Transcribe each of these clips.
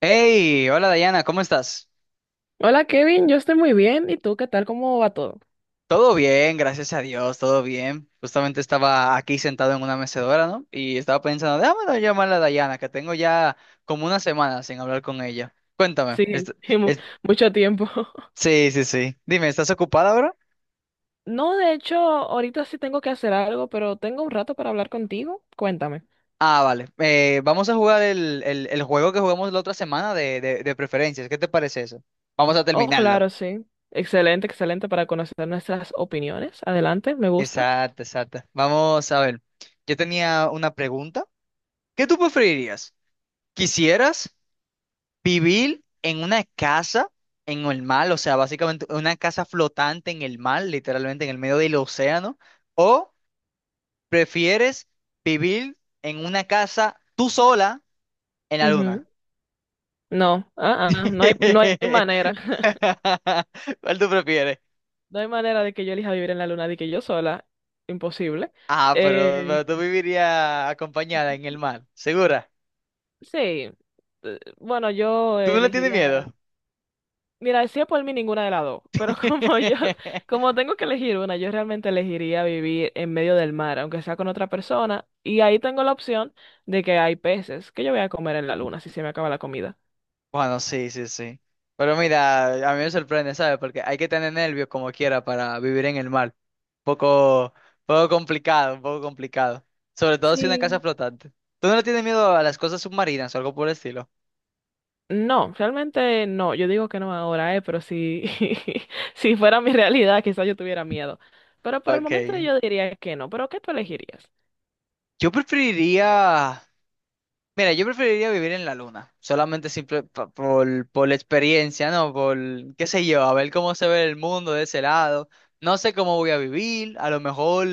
Hey, hola Dayana, ¿cómo estás? Hola Kevin, yo estoy muy bien. ¿Y tú qué tal? ¿Cómo va todo? Todo bien, gracias a Dios, todo bien. Justamente estaba aquí sentado en una mecedora, ¿no? Y estaba pensando, déjame llamar a Dayana, que tengo ya como una semana sin hablar con ella. Cuéntame. Sí, mu- est- mucho tiempo. sí, sí, sí. Dime, ¿estás ocupada ahora? No, de hecho, ahorita sí tengo que hacer algo, pero tengo un rato para hablar contigo. Cuéntame. Ah, vale. Vamos a jugar el juego que jugamos la otra semana de preferencias. ¿Qué te parece eso? Vamos a Oh, terminarlo. claro, sí. Excelente, excelente para conocer nuestras opiniones. Adelante, me gusta. Exacto, exacto. Vamos a ver. Yo tenía una pregunta. ¿Qué tú preferirías? ¿Quisieras? Vivir en una casa en el mar, o sea, básicamente una casa flotante en el mar, literalmente en el medio del océano, o prefieres vivir en una casa tú sola en la luna. Ujú. No, ah, ah, no hay manera. ¿Cuál tú prefieres? No hay manera de que yo elija vivir en la luna de que yo sola. Imposible. Ah, pero, Eh, pero tú vivirías acompañada en el mar, ¿segura? sí, bueno, yo ¿Tú no le tienes elegiría. miedo? Mira, si es por mí ninguna de las dos, pero como yo, como tengo que elegir una, yo realmente elegiría vivir en medio del mar, aunque sea con otra persona, y ahí tengo la opción de que hay peces que yo voy a comer en la luna si se me acaba la comida. Bueno, sí, sí, sí. Pero mira, a mí me sorprende, ¿sabes? Porque hay que tener nervios como quiera para vivir en el mar. Poco, un poco complicado. Sobre todo si una casa Sí. flotante. ¿Tú no le tienes miedo a las cosas submarinas o algo por el estilo? No, realmente no, yo digo que no ahora, pero si, si fuera mi realidad, quizás yo tuviera miedo. Pero por el momento Ok. yo diría que no, pero ¿qué tú elegirías? Yo preferiría. Mira, yo preferiría vivir en la luna. Solamente simple por la experiencia, ¿no? Por, qué sé yo, a ver cómo se ve el mundo de ese lado. No sé cómo voy a vivir. A lo mejor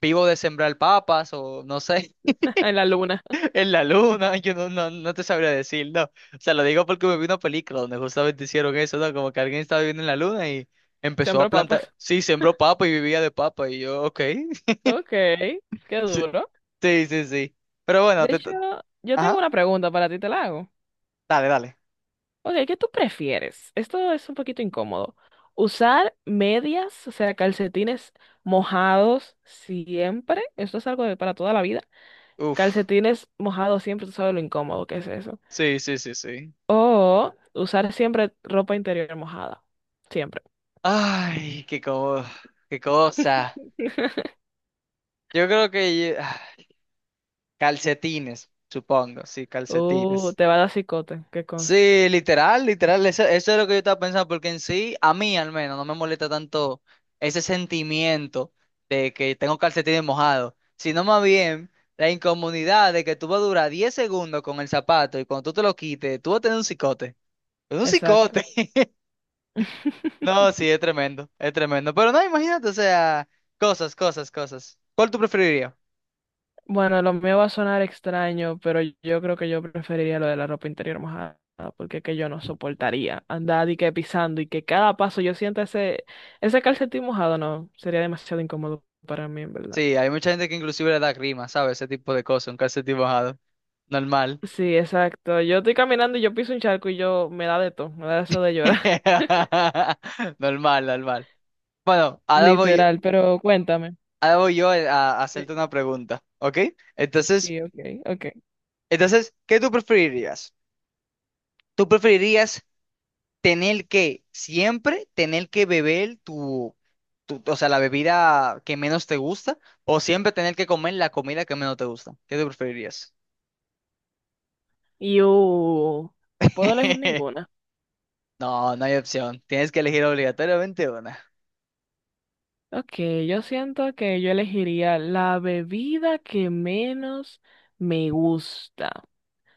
vivo de sembrar papas o no sé. En la luna, En la luna, yo no te sabría decir, no. O sea, lo digo porque me vi una película donde justamente hicieron eso, ¿no? Como que alguien estaba viviendo en la luna y empezó a sembro plantar. papas. Sí, sembró papa y vivía de papa. Y yo, ok. Ok, qué Sí, duro. sí, sí, sí. Pero bueno, De hecho, yo tengo ajá. una pregunta para ti, te la hago. Dale, dale. Ok, ¿qué tú prefieres? Esto es un poquito incómodo. Usar medias, o sea, calcetines mojados siempre. Esto es algo de para toda la vida. Uf. Calcetines mojados siempre, tú sabes lo incómodo que es eso. Sí, sí, sí, sí. O usar siempre ropa interior mojada. Siempre. Ay, qué cosa. Yo creo que... ah, calcetines, supongo. Sí, calcetines. te va a dar cicote, que consta. Sí, literal, literal, eso es lo que yo estaba pensando, porque en sí, a mí al menos, no me molesta tanto ese sentimiento de que tengo calcetines mojados, sino más bien la incomodidad de que tú vas a durar 10 segundos con el zapato y cuando tú te lo quites, tú vas a tener un cicote. Un Exacto. cicote. No, sí, es tremendo, es tremendo. Pero no, imagínate, o sea, cosas, cosas, cosas. ¿Cuál tú preferirías? Bueno, lo mío va a sonar extraño, pero yo creo que yo preferiría lo de la ropa interior mojada, porque es que yo no soportaría andar y que pisando y que cada paso yo sienta ese, ese calcetín mojado, no, sería demasiado incómodo para mí, en verdad. Sí, hay mucha gente que inclusive le da grima, ¿sabes? Ese tipo de cosas, un calcetín mojado. Normal. Sí, exacto. Yo estoy caminando y yo piso un charco y yo me da de todo, me da eso de llorar, Normal, normal. Bueno, ahora voy, literal, pero cuéntame. ahora voy yo, a, Eh, hacerte una pregunta, ¿ok? Entonces, Sí, ok, ok. entonces, ¿qué tú preferirías? ¿Tú preferirías tener que siempre tener que beber o sea, la bebida que menos te gusta o siempre tener que comer la comida que menos te gusta? ¿Qué tú preferirías? Y uh, ¿Puedo elegir ninguna? No, no hay opción. Tienes que elegir obligatoriamente una. Ok, yo siento que yo elegiría la bebida que menos me gusta.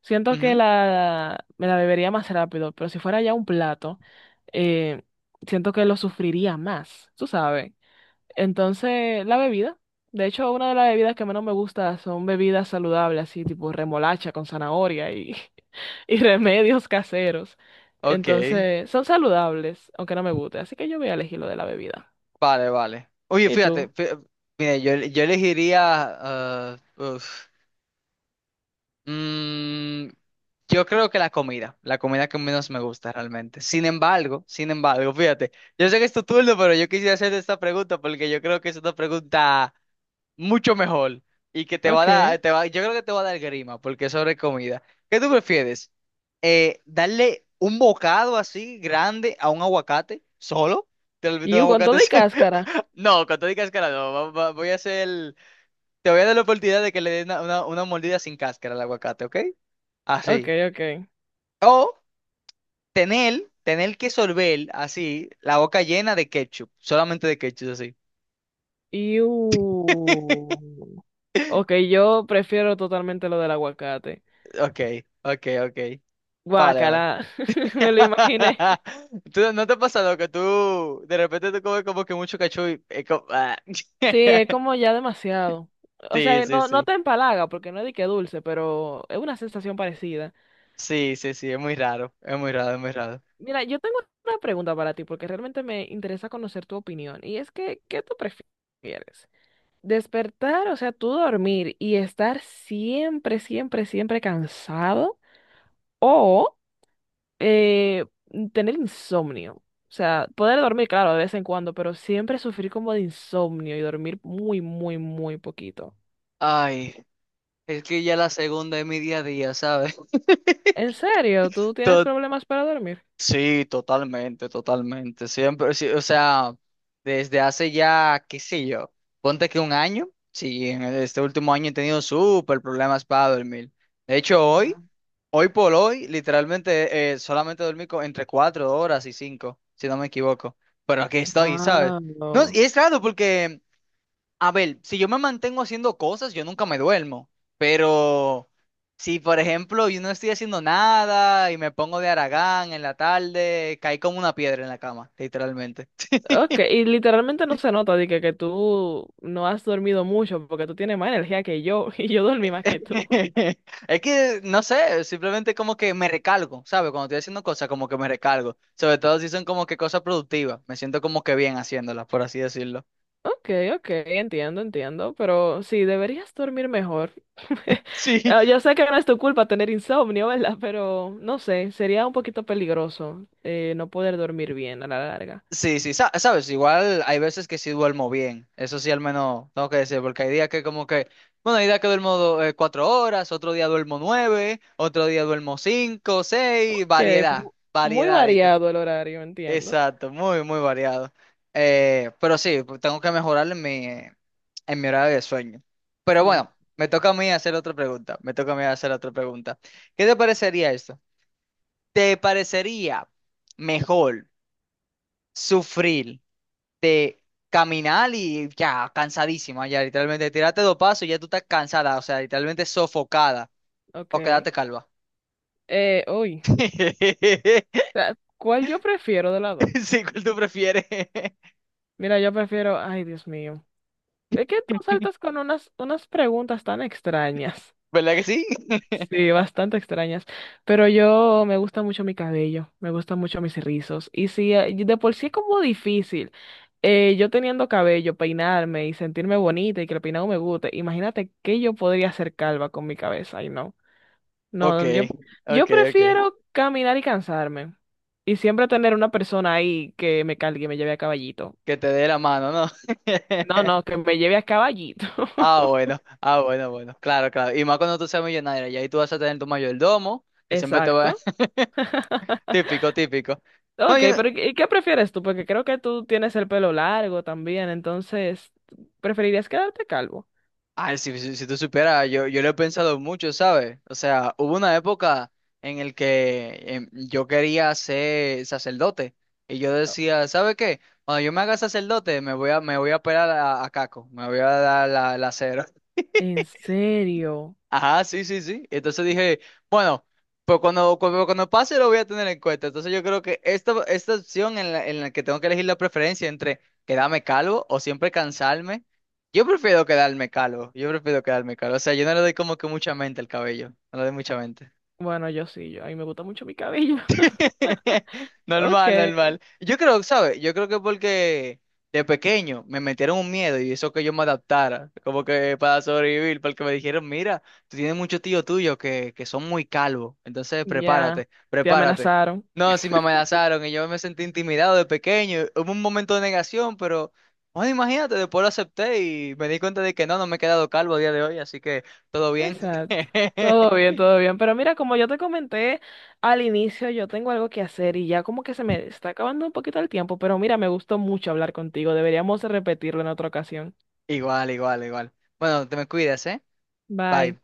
Siento que Ujú. la, me la bebería más rápido, pero si fuera ya un plato, eh, siento que lo sufriría más, tú sabes. Entonces, la bebida. De hecho, una de las bebidas que menos me gusta son bebidas saludables, así tipo remolacha con zanahoria y, y remedios caseros. Ok. Entonces, son saludables, aunque no me guste. Así que yo voy a elegir lo de la bebida. Vale, vale. Oye, ¿Y tú? fíjate, mira, yo elegiría... ah, uf, mm, yo creo que la comida que menos me gusta realmente. Sin embargo, fíjate, yo sé que es tu turno, pero yo quisiera hacerte esta pregunta porque yo creo que es una pregunta mucho mejor y que te va a Ok. dar, te va, yo creo que te va a dar grima porque es sobre comida. ¿Qué tú prefieres? ¿Darle un bocado así grande a un aguacate solo? ¿Te lo invito un Iu con aguacate? todo y ¿Así? cáscara. No, cuando digas cáscara no, voy a hacer, te voy a dar la oportunidad de que le des una mordida sin cáscara al aguacate, ¿ok? Ok, Así. ok. O tener que sorber así la boca llena de ketchup, solamente de ketchup así. Iu. Ok, yo prefiero totalmente lo del aguacate. Ok, ok, ok. Vale, vale. Guácala, me lo imaginé. Tú, ¿no te pasa lo que tú de repente tú comes como que mucho cachú y es como? Sí, es como ya demasiado. O Sí, sea, sí, no, no sí. te empalaga porque no es de que dulce, pero es una sensación parecida. Sí, sí, sí, es muy raro. Es muy raro, es muy raro. Mira, yo tengo una pregunta para ti porque realmente me interesa conocer tu opinión. Y es que, ¿qué tú prefieres? ¿Despertar, o sea, tú dormir y estar siempre, siempre, siempre cansado? ¿O Eh, tener insomnio? O sea, poder dormir, claro, de vez en cuando, pero siempre sufrir como de insomnio y dormir muy, muy, muy poquito. Ay, es que ya la segunda es mi día a día, ¿sabes? ¿En serio? ¿Tú tienes To- problemas para dormir? sí, totalmente, totalmente. Siempre, sí, o sea, desde hace ya, qué sé yo, ponte que un año. Sí, en este último año he tenido súper problemas para dormir. De hecho, hoy. Hoy por hoy, literalmente, solamente dormí entre 4 horas y 5, si no me equivoco. Pero aquí estoy, ¿sabes? No, Wow. y es raro porque, a ver, si yo me mantengo haciendo cosas, yo nunca me duermo. Pero si, por ejemplo, yo no estoy haciendo nada y me pongo de haragán en la tarde, caí como una piedra en la cama, literalmente. Ok, y literalmente no se nota de que tú no has dormido mucho porque tú tienes más energía que yo y yo dormí más que tú. Es que, no sé, simplemente como que me recargo, ¿sabes? Cuando estoy haciendo cosas, como que me recargo. Sobre todo si son como que cosas productivas. Me siento como que bien haciéndolas, por así decirlo. Ok, ok, entiendo, entiendo, pero sí, deberías dormir mejor. Sí, Ah, yo sé que no es tu culpa tener insomnio, ¿verdad? Pero no sé, sería un poquito peligroso, no poder dormir bien a la larga. sí, sí, sabes, igual hay veces que sí duermo bien. Eso sí, al menos tengo que decir, porque hay días que como que, bueno, hay días que duermo 4 horas, otro día duermo 9, otro día duermo 5, 6, Ok, variedad, mu- muy variedad. variado el horario, entiendo. Exacto, muy, muy variado. Pero sí, pues, tengo que mejorar en mi horario de sueño. Pero Sí, bueno, me toca a mí hacer otra pregunta. Me toca a mí hacer otra pregunta. ¿Qué te parecería esto? ¿Te parecería mejor sufrir de caminar y ya cansadísima, ya literalmente tirarte dos pasos y ya tú estás cansada, o sea, literalmente sofocada o ok. quedarte calva? Uy, ah, ¿cuál yo prefiero de lado? Sí, ¿cuál tú prefieres? Mira, yo prefiero, ay, Dios mío. Es que tú saltas con unas, unas preguntas tan extrañas. ¿Verdad que sí? Sí, bastante extrañas. Pero yo me gusta mucho mi cabello, me gustan mucho mis rizos. Y si de por sí es como difícil, yo teniendo cabello, peinarme y sentirme bonita y que el peinado me guste, imagínate que yo podría hacer calva con mi cabeza. Y no, Ok, no, yo ok, ok. prefiero caminar y cansarme. Y siempre tener una persona ahí que me cargue y me lleve a caballito. Que te dé la mano, ¿no? No, no, que me lleve a caballito. Ah, bueno, ah, bueno, bueno. Claro, claro. Y más cuando tú seas millonario, y ahí tú vas a tener tu mayordomo, que siempre te va. Exacto. Típico, típico. Ok, Bueno, yo no- pero ¿y qué prefieres tú? Porque creo que tú tienes el pelo largo también, entonces, ¿preferirías quedarte calvo? ay, si tú supieras, yo lo he pensado mucho, ¿sabes? O sea, hubo una época en el que yo quería ser sacerdote. Y yo Oh, decía, ¿sabe qué? Cuando yo me haga sacerdote, me voy a operar a Caco, me voy a dar la cero. ¿en serio? Ajá, sí, sí, sí. Entonces dije, bueno, pues cuando pase lo voy a tener en cuenta. Entonces yo creo que esta opción en la que tengo que elegir la preferencia entre quedarme calvo o siempre cansarme, yo prefiero quedarme calvo. Yo prefiero quedarme calvo. O sea, yo no le doy como que mucha mente al cabello. No le doy mucha mente. Bueno, yo sí, yo, a mí me gusta mucho mi cabello. Ok, Normal, normal. Yo creo, ¿sabes? Yo creo que porque de pequeño me metieron un miedo y eso que yo me adaptara, como que para sobrevivir, porque me dijeron, mira, tú tienes muchos tíos tuyos que son muy calvos, entonces ya, prepárate, te prepárate. amenazaron. No, sí me amenazaron y yo me sentí intimidado de pequeño. Hubo un momento de negación, pero, bueno, imagínate, después lo acepté y me di cuenta de que no me he quedado calvo a día de hoy, así que todo bien. Exacto. Todo bien, todo bien. Pero mira, como yo te comenté al inicio, yo tengo algo que hacer y ya como que se me está acabando un poquito el tiempo, pero mira, me gustó mucho hablar contigo. Deberíamos repetirlo en otra ocasión. Igual, igual, igual. Bueno, te me cuidas, ¿eh? Bye. Bye.